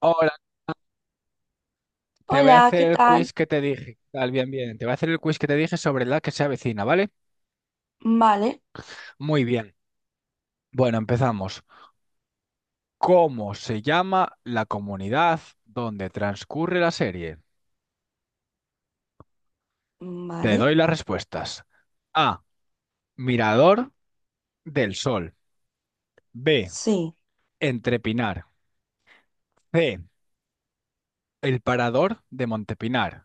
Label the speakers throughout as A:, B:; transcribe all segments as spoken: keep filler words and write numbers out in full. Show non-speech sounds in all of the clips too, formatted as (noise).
A: Hola, te voy a
B: Hola,
A: hacer
B: ¿qué
A: el
B: tal?
A: quiz que te dije. Tal, bien, bien. Te voy a hacer el quiz que te dije sobre la que se avecina, ¿vale?
B: Vale,
A: Muy bien. Bueno, empezamos. ¿Cómo se llama la comunidad donde transcurre la serie? Te
B: vale,
A: doy las respuestas. A. Mirador del Sol. B.
B: sí.
A: Entrepinar. C. El Parador de Montepinar.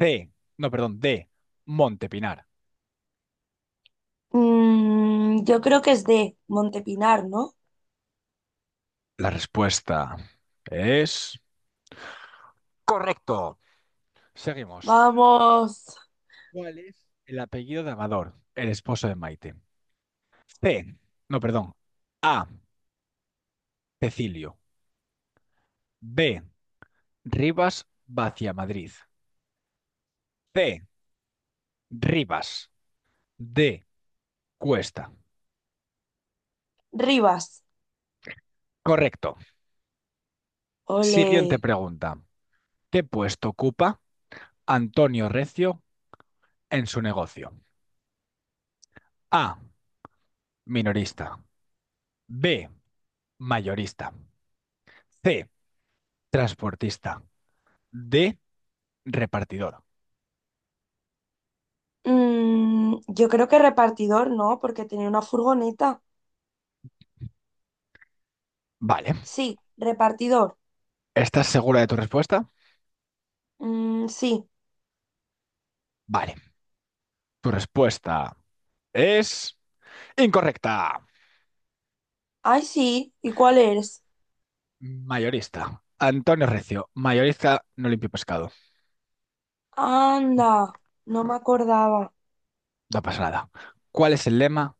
A: C. No, perdón, D. Montepinar.
B: Mm, yo creo que es de Montepinar, ¿no?
A: La respuesta es... Correcto. Seguimos.
B: Vamos,
A: ¿Cuál es el apellido de Amador, el esposo de Maite? C. No, perdón. A. Cecilio. B. Rivas Madrid. C. Rivas. D. Cuesta.
B: Rivas.
A: Correcto. Siguiente
B: Ole.
A: pregunta. ¿Qué puesto ocupa Antonio Recio en su negocio? A. Minorista. B. Mayorista. C. Transportista. D. Repartidor.
B: Mm, yo creo que repartidor, ¿no? Porque tenía una furgoneta.
A: Vale.
B: Sí, repartidor.
A: ¿Estás segura de tu respuesta?
B: Mm, sí.
A: Vale. Tu respuesta es incorrecta.
B: Ay, sí. ¿Y cuál eres?
A: Mayorista. Antonio Recio, mayorista no limpio pescado.
B: Anda, no me acordaba.
A: No pasa nada. ¿Cuál es el lema?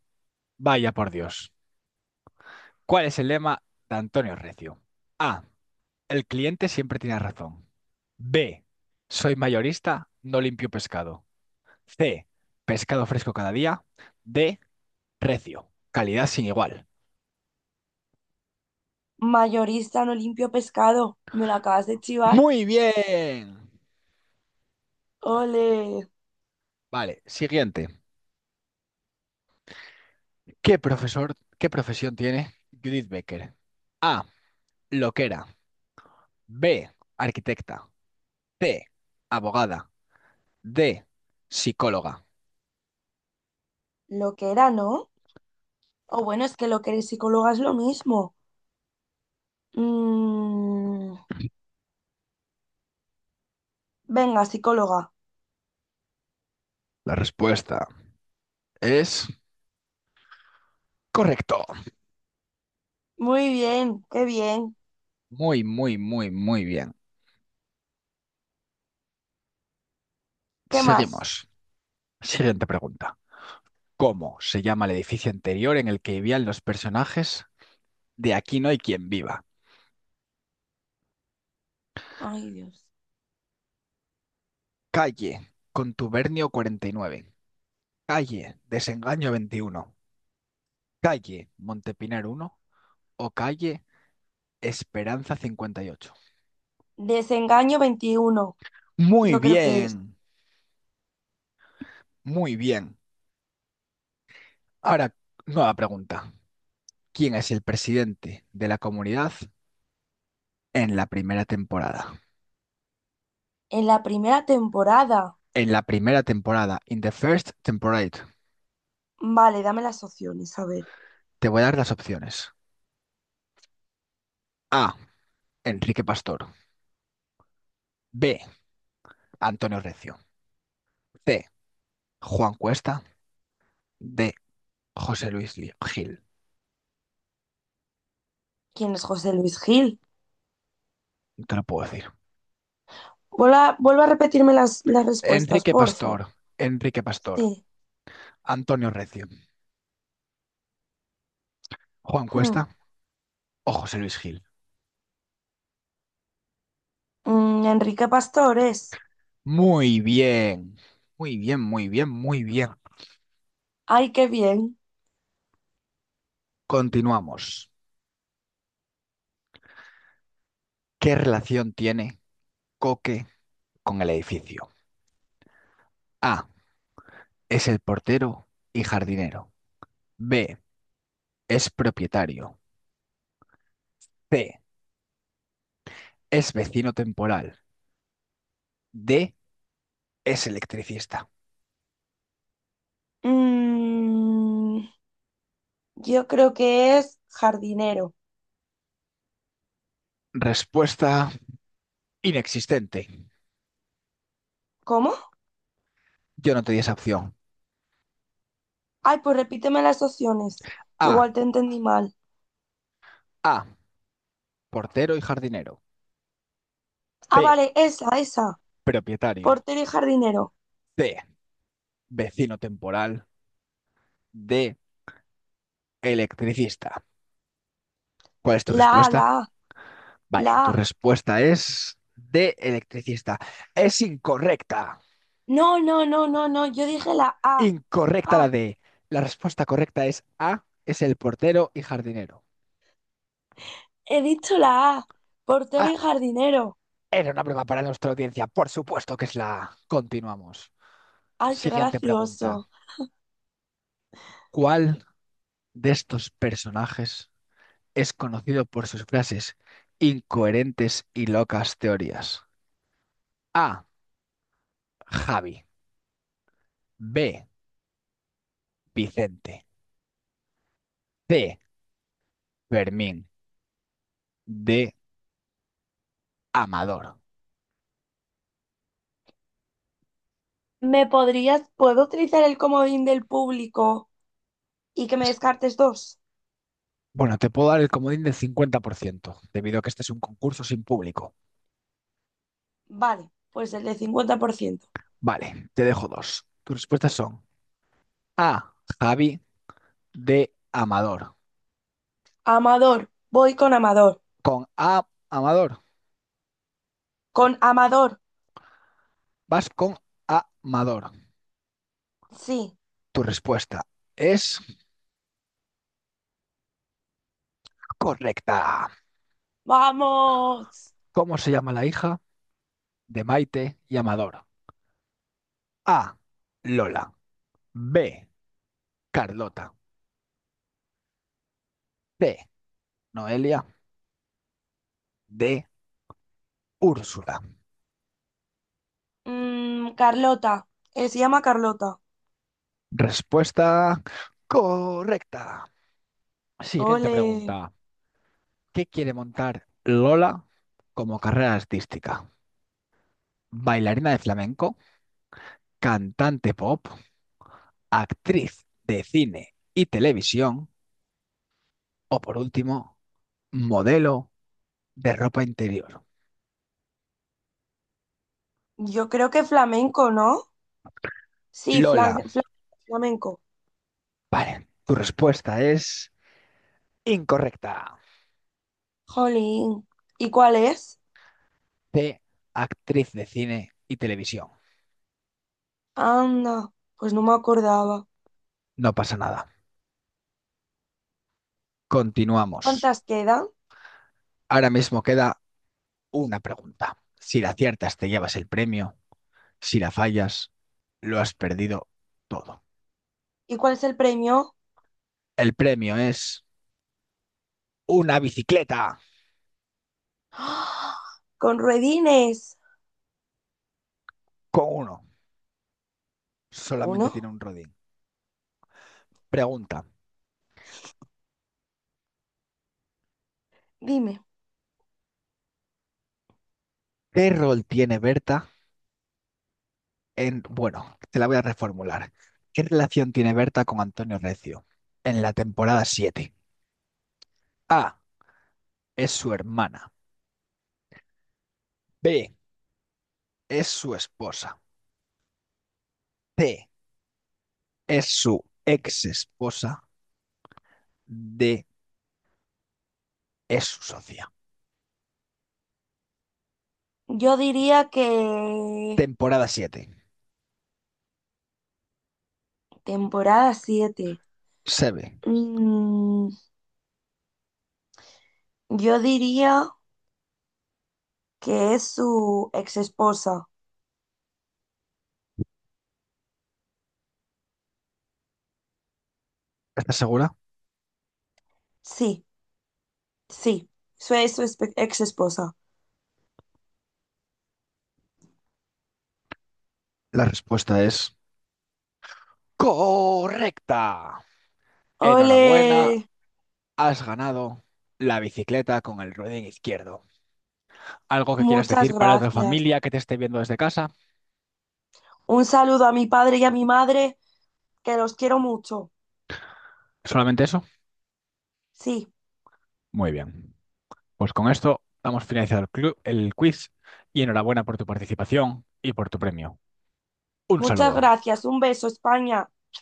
A: Vaya por Dios. ¿Cuál es el lema de Antonio Recio? A. El cliente siempre tiene razón. B. Soy mayorista, no limpio pescado. C. Pescado fresco cada día. D. Recio. Calidad sin igual.
B: Mayorista, no limpio pescado. Me lo acabas de chivar.
A: Muy bien.
B: Ole.
A: Vale, siguiente. ¿Qué profesor, ¿qué profesión tiene Judith Becker? A. Loquera. B, arquitecta. C, abogada. D, psicóloga.
B: Lo que era, ¿no? O bueno, es que lo que eres psicóloga es lo mismo. Mm, venga, psicóloga.
A: La respuesta es correcto.
B: Muy bien, qué bien.
A: Muy, muy, muy, muy bien.
B: ¿Qué más?
A: Seguimos. Siguiente pregunta. ¿Cómo se llama el edificio anterior en el que vivían los personajes de Aquí no hay quien viva?
B: Ay, Dios.
A: Calle Contubernio cuarenta y nueve, calle Desengaño veintiuno, calle Montepinar uno, o calle Esperanza cincuenta y ocho.
B: Desengaño veintiuno.
A: Muy
B: Yo creo que es.
A: bien, muy bien. Ahora, nueva pregunta. ¿Quién es el presidente de la comunidad en la primera temporada?
B: En la primera temporada.
A: En la primera temporada, in the first temporada,
B: Vale, dame las opciones, a ver.
A: te voy a dar las opciones. A. Enrique Pastor. B. Antonio Recio. C. Juan Cuesta. D. José Luis Li- Gil.
B: ¿Quién es José Luis Gil?
A: No te lo puedo decir.
B: Vuelva, vuelve a repetirme las, las respuestas,
A: Enrique Pastor.
B: porfa.
A: Enrique Pastor.
B: Sí.
A: Antonio Recio. Juan
B: Hmm.
A: Cuesta o José Luis Gil.
B: Mm, Enrique Pastores.
A: Muy bien. Muy bien, muy bien, muy bien.
B: Ay, qué bien.
A: Continuamos. ¿Qué relación tiene Coque con el edificio? A. Es el portero y jardinero. B. Es propietario. C. Es vecino temporal. D. Es electricista.
B: Mm, yo creo que es jardinero.
A: Respuesta inexistente.
B: ¿Cómo?
A: Yo no te di esa opción.
B: Ay, pues repíteme las opciones, que
A: A.
B: igual te entendí mal.
A: A. Portero y jardinero.
B: Ah,
A: B.
B: vale, esa, esa.
A: Propietario.
B: Portero y jardinero.
A: C. Vecino temporal. D. Electricista. ¿Cuál es tu
B: La A, la
A: respuesta?
B: A,
A: Vale,
B: la
A: tu
B: A.
A: respuesta es D. Electricista. Es incorrecta.
B: No, no, no, no, no. Yo dije la A.
A: Incorrecta la
B: Ah,
A: D. La respuesta correcta es A, es el portero y jardinero.
B: he dicho la A. Portero
A: Ah,
B: y jardinero.
A: era una prueba para nuestra audiencia, por supuesto que es la A. Continuamos.
B: Ay, qué
A: Siguiente pregunta.
B: gracioso.
A: ¿Cuál de estos personajes es conocido por sus frases incoherentes y locas teorías? A, Javi. B, Vicente. C, Fermín. D, Amador.
B: ¿Me podrías, puedo utilizar el comodín del público y que me descartes dos?
A: Bueno, te puedo dar el comodín del cincuenta por ciento, debido a que este es un concurso sin público.
B: Vale, pues el de cincuenta por ciento.
A: Vale, te dejo dos. Tus respuestas son A, Javi, D, Amador.
B: Amador, voy con Amador.
A: Con A, Amador.
B: Con Amador,
A: Vas con A, Amador.
B: sí.
A: Tu respuesta es correcta.
B: ¡Vamos!
A: ¿Cómo se llama la hija de Maite y Amador? A, Lola. B, Carlota. C, Noelia. D, Úrsula.
B: Mm, Carlota, eh, se llama Carlota.
A: Respuesta correcta. Siguiente
B: Ole,
A: pregunta. ¿Qué quiere montar Lola como carrera artística? Bailarina de flamenco, cantante pop, actriz de cine y televisión o, por último, modelo de ropa interior.
B: yo creo que flamenco, ¿no? Sí,
A: Lola,
B: flan- flan- flamenco.
A: vale, tu respuesta es incorrecta.
B: Jolín, ¿y cuál es?
A: C, actriz de cine y televisión.
B: Anda, pues no me acordaba.
A: No pasa nada. Continuamos.
B: ¿Cuántas quedan?
A: Ahora mismo queda una pregunta. Si la aciertas te llevas el premio, si la fallas, lo has perdido todo.
B: ¿Y cuál es el premio?
A: El premio es una bicicleta.
B: (gasps) ¡Ah! Con ruedines.
A: Con uno. Solamente tiene
B: ¿Uno?
A: un rodín. Pregunta.
B: Dime.
A: ¿Qué rol tiene Berta en... Bueno, te la voy a reformular. ¿Qué relación tiene Berta con Antonio Recio en la temporada siete? A. Es su hermana. B. Es su esposa. C. Es su ex esposa. D. Es su socia.
B: Yo diría que
A: Temporada siete.
B: temporada siete.
A: Se ve.
B: Yo diría que es su ex esposa.
A: ¿Estás segura?
B: Sí. Sí, soy su espe- ex esposa.
A: La respuesta es correcta.
B: Ole,
A: Enhorabuena. Has ganado la bicicleta con el ruedín izquierdo. ¿Algo que quieras
B: muchas
A: decir para tu
B: gracias.
A: familia que te esté viendo desde casa?
B: Un saludo a mi padre y a mi madre, que los quiero mucho.
A: ¿Solamente eso?
B: Sí,
A: Muy bien. Pues con esto damos finalizado el, clu- el quiz, y enhorabuena por tu participación y por tu premio. Un
B: muchas
A: saludo.
B: gracias. Un beso, España.